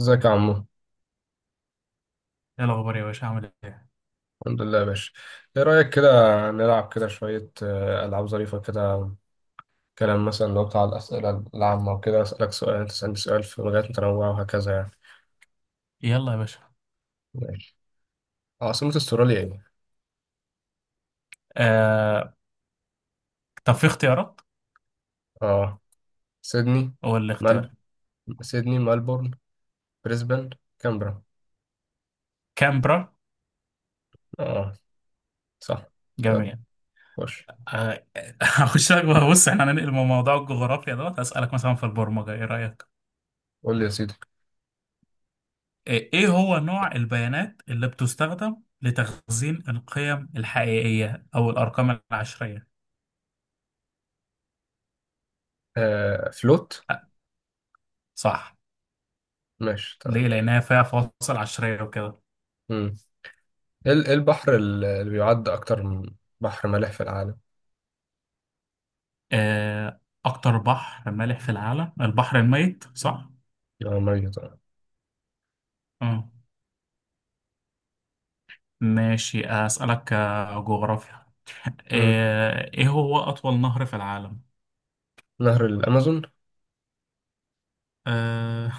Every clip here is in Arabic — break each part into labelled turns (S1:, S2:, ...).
S1: ازيك يا عمو.
S2: ايه الاخبار يا باشا، عامل ايه؟
S1: الحمد لله يا باشا. ايه رأيك كده، نلعب كده شوية، ألعاب ظريفة كده، كلام مثلا. لو بتاع الأسئلة العامة وكده، أسألك سؤال، أنت تسألني سؤال في مجالات متنوعة وهكذا يعني.
S2: يلا يا باشا.
S1: ماشي. عاصمة استراليا ايه؟
S2: آه... طب في اختيارات.
S1: اه. سيدني،
S2: هو اللي
S1: مال.
S2: اختيار.
S1: سيدني، ملبورن، بريسبان، كامبرا.
S2: كامبرا.
S1: اه، صح. يلا،
S2: جميع.
S1: خش.
S2: آه... هخش لك بقى، بص، احنا هننقل من موضوع الجغرافيا دوت هسألك مثلا في البرمجة، ايه رأيك؟
S1: قول لي يا سيدي.
S2: إيه هو نوع البيانات اللي بتستخدم لتخزين القيم الحقيقية او الارقام العشرية؟
S1: فلوت.
S2: آه، صح.
S1: ماشي، تمام.
S2: ليه؟ لانها فيها فواصل عشرية وكده.
S1: مم. إيه البحر اللي بيعد أكتر من بحر مالح في العالم؟
S2: آه... اكتر بحر مالح في العالم البحر الميت، صح.
S1: اه، ميه طبعا.
S2: آه. ماشي. أسألك جغرافيا. ايه هو اطول نهر في العالم؟
S1: نهر الأمازون.
S2: آه،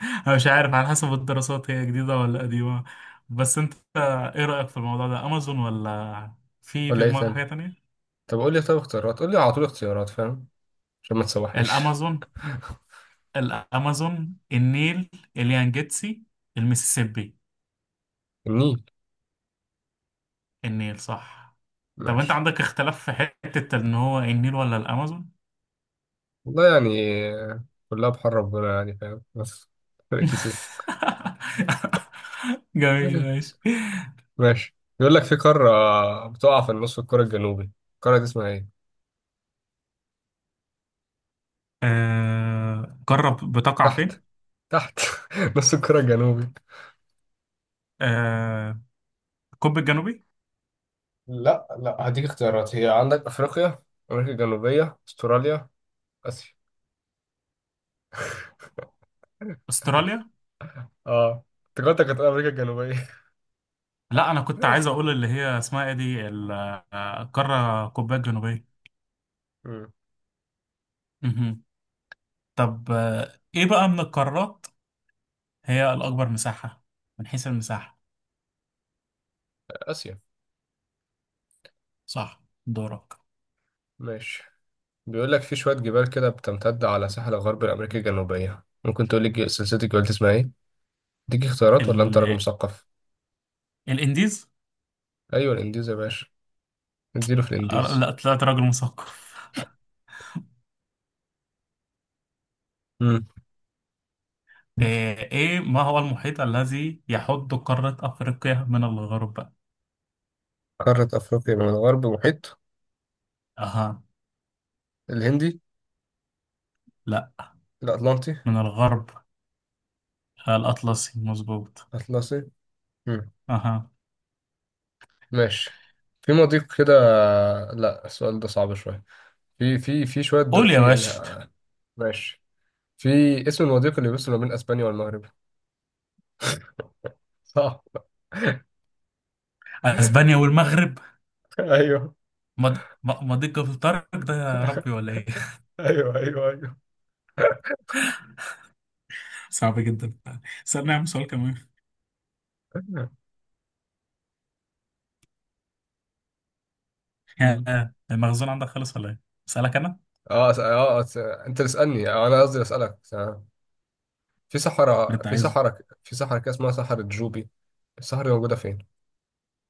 S2: انا مش عارف، على حسب الدراسات هي جديدة ولا قديمة. بس انت ايه رأيك في الموضوع ده، امازون ولا في
S1: ولا إيه
S2: دماغك
S1: تاني؟
S2: حاجة تانية؟
S1: طب قول لي، طب اختيارات، قول لي على طول اختيارات، فاهم؟ عشان ما تسوحنيش.
S2: الامازون. الامازون، النيل، اليانجيتسي، المسيسيبي.
S1: النيل.
S2: النيل صح. طب انت
S1: ماشي.
S2: عندك اختلاف في حتة ان هو النيل ولا الامازون؟
S1: والله يعني. آه، كلها بحر ربنا يعني، فاهم، بس فرق كتير.
S2: جميل ماشي.
S1: ماشي. بيقول لك في قارة بتقع في النص الكرة الجنوبي، القارة دي اسمها إيه؟
S2: قارة بتقع
S1: تحت،
S2: فين؟
S1: تحت. نص الكرة الجنوبي.
S2: آه، القطب الجنوبي.
S1: لا لا، هديك اختيارات، هي عندك أفريقيا، أمريكا الجنوبية، أستراليا، آسيا.
S2: استراليا.
S1: اه، افتكرتك هتقول أمريكا الجنوبية.
S2: لا، انا كنت عايز اقول اللي هي اسمها ايه دي القاره القطبيه الجنوبيه.
S1: مم.
S2: مهم. طب ايه بقى من القارات هي الاكبر مساحه، من حيث المساحه؟
S1: آسيا.
S2: صح، دورك.
S1: ماشي. بيقول لك في شوية جبال كده بتمتد على ساحل غرب الأمريكا الجنوبية، ممكن تقول لي سلسلة الجبال دي اسمها إيه؟ اديك اختيارات ولا أنت راجل
S2: ال...
S1: مثقف؟
S2: الانديز.
S1: أيوة، الإنديز يا باشا، اديله في الإنديز.
S2: لا، طلعت راجل مثقف.
S1: مم.
S2: ايه ما هو المحيط الذي يحد قاره افريقيا من الغرب؟
S1: قارة أفريقيا من الغرب محيط.
S2: اها.
S1: الهندي.
S2: لا.
S1: الأطلنطي.
S2: من الغرب. الاطلسي مظبوط.
S1: الأطلسي. مم.
S2: اها.
S1: ماشي. في مضيق كده، لا السؤال ده صعب شوية. في في في شوية
S2: قول يا
S1: في، يعني.
S2: باشا.
S1: ماشي. في اسم المضيق اللي بيفصل ما بين أسبانيا والمغرب، صح.
S2: اسبانيا والمغرب.
S1: أيوه.
S2: مضيق في طارق ده يا ربي ولا ايه؟
S1: أيوه أيوه أيوه.
S2: صعب جدا. استنى يا عم، سؤال كمان.
S1: مم.
S2: يا المخزون عندك خلص ولا ايه؟ اسألك انا؟
S1: انت اللي اسالني، انا قصدي اسالك في
S2: اللي
S1: صحراء،
S2: انت عايزه.
S1: في صحراء كده اسمها صحراء جوبي، الصحراء دي موجوده فين؟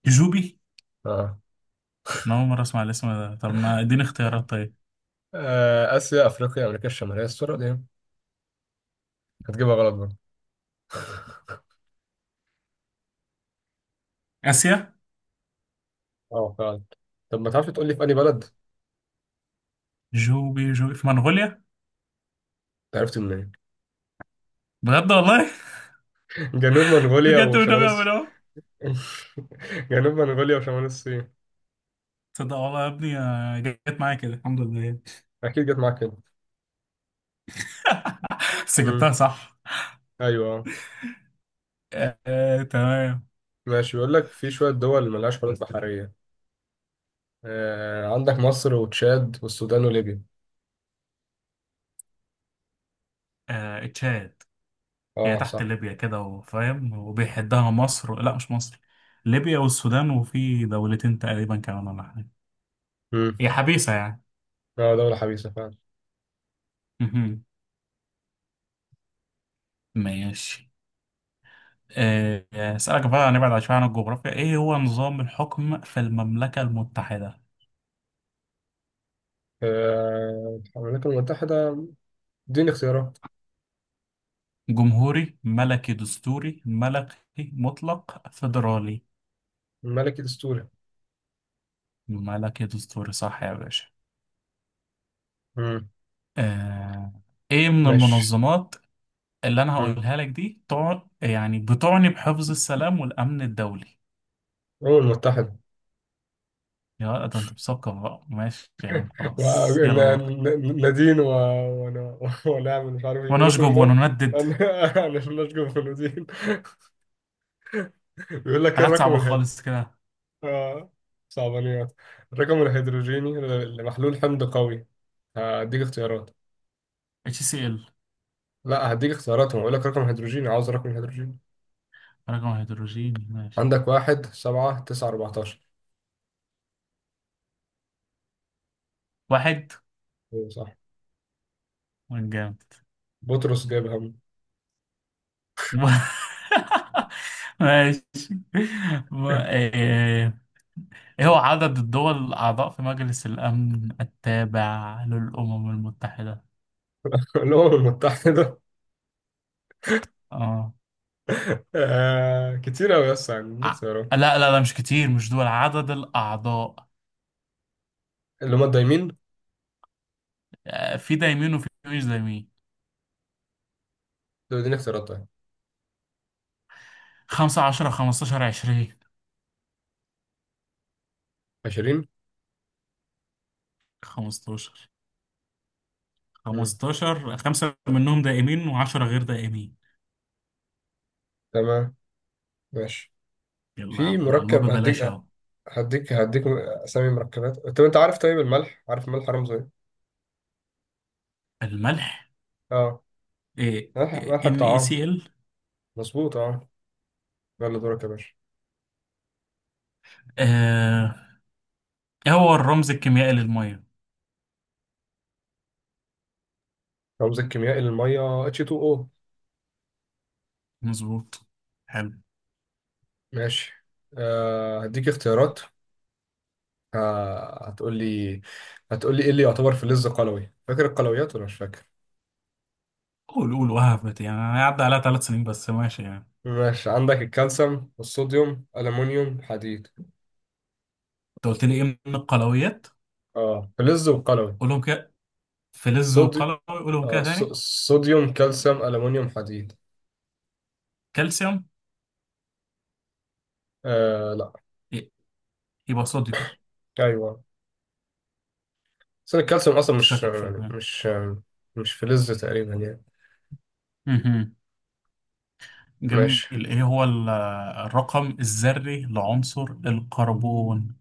S2: جوبي؟
S1: اه,
S2: انا اول مرة اسمع الاسم ده، طب ما اديني اختيارات طيب.
S1: اسيا، افريقيا، امريكا الشماليه، الصوره دي هتجيبها غلط بقى.
S2: اسيا.
S1: اه فعلا. طب ما تعرفش تقول لي في انهي بلد؟
S2: جوبي جوبي في منغوليا؟
S1: أنت عرفت منين؟
S2: بجد والله؟
S1: جنوب منغوليا
S2: بجد
S1: وشمال
S2: والنبي يا منو؟
S1: جنوب منغوليا وشمال الصين.
S2: تصدق والله يا ابني، جت معايا كده الحمد لله.
S1: اكيد جت معاك كده.
S2: بس
S1: امم.
S2: جبتها صح.
S1: ايوه.
S2: آه، آه، تمام.
S1: ماشي. بيقول لك في شويه دول ملهاش حدود بحريه، عندك مصر وتشاد والسودان وليبيا.
S2: تشاد. هي
S1: اه
S2: تحت
S1: صح.
S2: ليبيا كده وفاهم، وبيحدها مصر، لا مش مصر، ليبيا والسودان، وفي دولتين تقريبا كمان ولا حاجة. هي حبيسة يعني.
S1: اه، دولة حبيسة فعلا.
S2: مهم. ماشي. أسألك بقى نبعد شوية عن الجغرافيا. إيه هو نظام الحكم في المملكة المتحدة؟
S1: الولايات المتحدة، اديني اختيارات.
S2: جمهوري، ملكي دستوري، ملكي مطلق، فيدرالي.
S1: الملك الدستوري.
S2: ملكي دستوري صح يا باشا.
S1: مم.
S2: آه، إيه من
S1: ماشي.
S2: المنظمات اللي أنا
S1: مم.
S2: هقولها لك دي يعني بتعني بحفظ السلام والأمن الدولي؟
S1: الأمم المتحدة.
S2: يا ده انت مثقف بقى، ماشي يا عم، خلاص يلا دورك.
S1: نادين و... وانا ونعمل مش عارف، يقولوا كل
S2: ونشجب
S1: شوية.
S2: ونندد.
S1: انا انا نشجع في النادين. بيقول لك ايه
S2: حاجات
S1: الرقم
S2: صعبة خالص كده.
S1: اه، صعبانيات. الرقم الهيدروجيني لمحلول حمض قوي، هديك اختيارات؟
S2: اتش سي ال.
S1: لا، هديك اختيارات، ما بقول لك رقم هيدروجيني، عاوز رقم هيدروجيني.
S2: رقم هيدروجيني، ماشي.
S1: عندك 1، 7، 9، 14.
S2: واحد. من جامد.
S1: بطرس جايب هم.
S2: ماشي. و- ايه إيه هو عدد الدول الأعضاء في مجلس الأمن التابع للأمم المتحدة؟
S1: الأمم المتحدة.
S2: اه.
S1: كتير أوي، يس، عندي
S2: ع- لا
S1: اختيارات.
S2: لا لا، مش كتير، مش دول عدد الأعضاء.
S1: اللي هما الدايمين.
S2: في دايمين وفي مش دايمين.
S1: دول اديني اختيارات طيب.
S2: 15، 15، 20.
S1: 20.
S2: 15.
S1: مم.
S2: 15، خمسة منهم دائمين و10 غير دائمين.
S1: تمام. ماشي.
S2: يلا يا
S1: في
S2: عم، مع الله
S1: مركب
S2: ببلاش اهو.
S1: هديك أسامي مركبات. طب أنت عارف، طيب الملح عارف، الملح رمزه إيه؟
S2: الملح.
S1: أه.
S2: إيه.
S1: ملح
S2: ان اي
S1: الطعام.
S2: سي ال.
S1: مظبوط، أه. يلا دورك يا باشا.
S2: هو الرمز الكيميائي للمية.
S1: رمز الكيميائي للمية H2O.
S2: مظبوط. حلو.
S1: ماشي. هديك اختيارات. هتقول لي، إيه اللي يعتبر فلز قلوي، فاكر القلويات ولا مش فاكر؟
S2: قول قول وهبت يعني، انا عدى عليها 3 سنين بس، ماشي يعني.
S1: ماشي، عندك الكالسيوم والصوديوم، ألمونيوم، حديد.
S2: انت قلت لي ايه من القلويات؟
S1: اه، فلز وقلوي.
S2: قولهم كده. فلز
S1: صودي
S2: وقلوي، قولهم كده
S1: آه ص-
S2: تاني.
S1: صوديوم، كالسيوم، ألمونيوم، حديد.
S2: كالسيوم.
S1: آه لا.
S2: إيه، يبقى صوديوم.
S1: أيوه. بس الكالسيوم أصلا
S2: كنت
S1: مش
S2: شاكك في.
S1: يعني مش فلز تقريبا يعني.
S2: المال. جميل.
S1: ماشي.
S2: ايه هو الرقم الذري لعنصر الكربون؟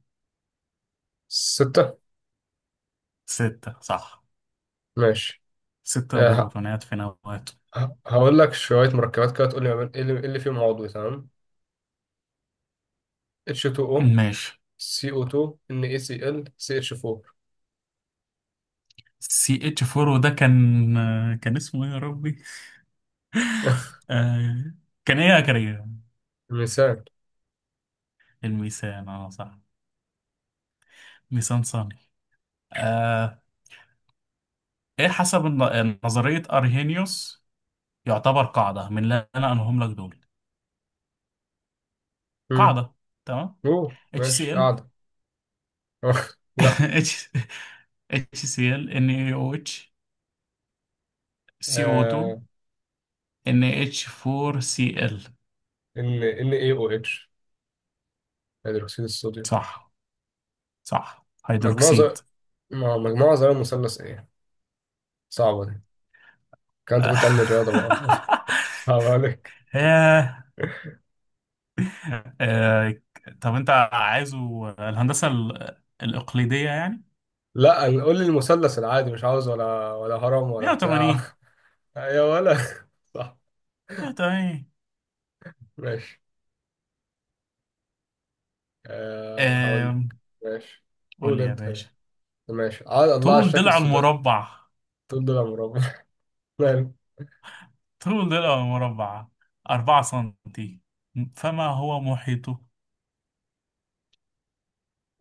S1: 6.
S2: ستة صح.
S1: ماشي.
S2: ستة
S1: آه ه-
S2: بروتونات في نواته.
S1: هقول لك شوية مركبات كده تقول لي ما إيه اللي فيهم عضوي، تمام. H2O,
S2: ماشي.
S1: CO2, NaCl, CH4.
S2: سي اتش 4 ده كان اسمه ايه يا ربي؟ آه... كان ايه يا كريم؟
S1: مثال.
S2: الميثان، اه صح. ميثان ثاني. آه... ايه حسب نظرية ارهينيوس يعتبر قاعدة من اللي انا انهم لك دول؟
S1: مم.
S2: قاعدة. تمام.
S1: أوه ماشي،
S2: HCl.
S1: قاعدة. لا.
S2: H HCl، NaOH،
S1: آه،
S2: CO2، NH4Cl.
S1: ال NaOH، هيدروكسيد الصوديوم.
S2: صح، صح،
S1: مجموعة زر...
S2: هيدروكسيد.
S1: مجموعة ذرة مثلث ايه، صعبة دي، كان انت كنت علم رياضة بقى. صعب عليك.
S2: ياه. آه، طب انت عايزه الهندسة الإقليدية يعني.
S1: لا أنا- قول لي المثلث العادي، مش عاوز ولا هرم ولا بتاع.
S2: 180.
S1: يا ولا. صح.
S2: 180.
S1: ماشي. أه، هقول لك.
S2: آم،
S1: ماشي.
S2: قول
S1: قول
S2: لي يا
S1: انت.
S2: باشا.
S1: ماشي، عاد الله على
S2: طول
S1: الشكل
S2: ضلع
S1: السوداء.
S2: المربع،
S1: طول ده مربع. ماله.
S2: طول ضلع المربع 4 سنتي، فما هو محيطه؟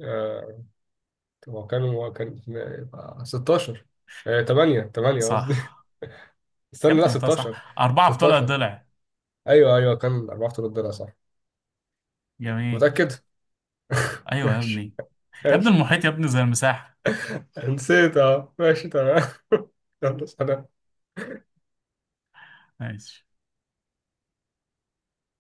S1: آه، طب هو كان يبقى 16. 8 8 قصدي.
S2: صح يا
S1: استنى لا،
S2: ابني، قلتها
S1: 16.
S2: صح، أربعة في طول
S1: 16.
S2: الضلع.
S1: ايوه ايوه، كان $4000، صح أنت
S2: جميل.
S1: متأكد؟
S2: أيوة يا
S1: ماشي.
S2: ابني. يا ابني
S1: ماشي،
S2: المحيط يا ابني زي المساحة.
S1: نسيت. اه، ماشي، تمام. يلا سلام.
S2: ماشي.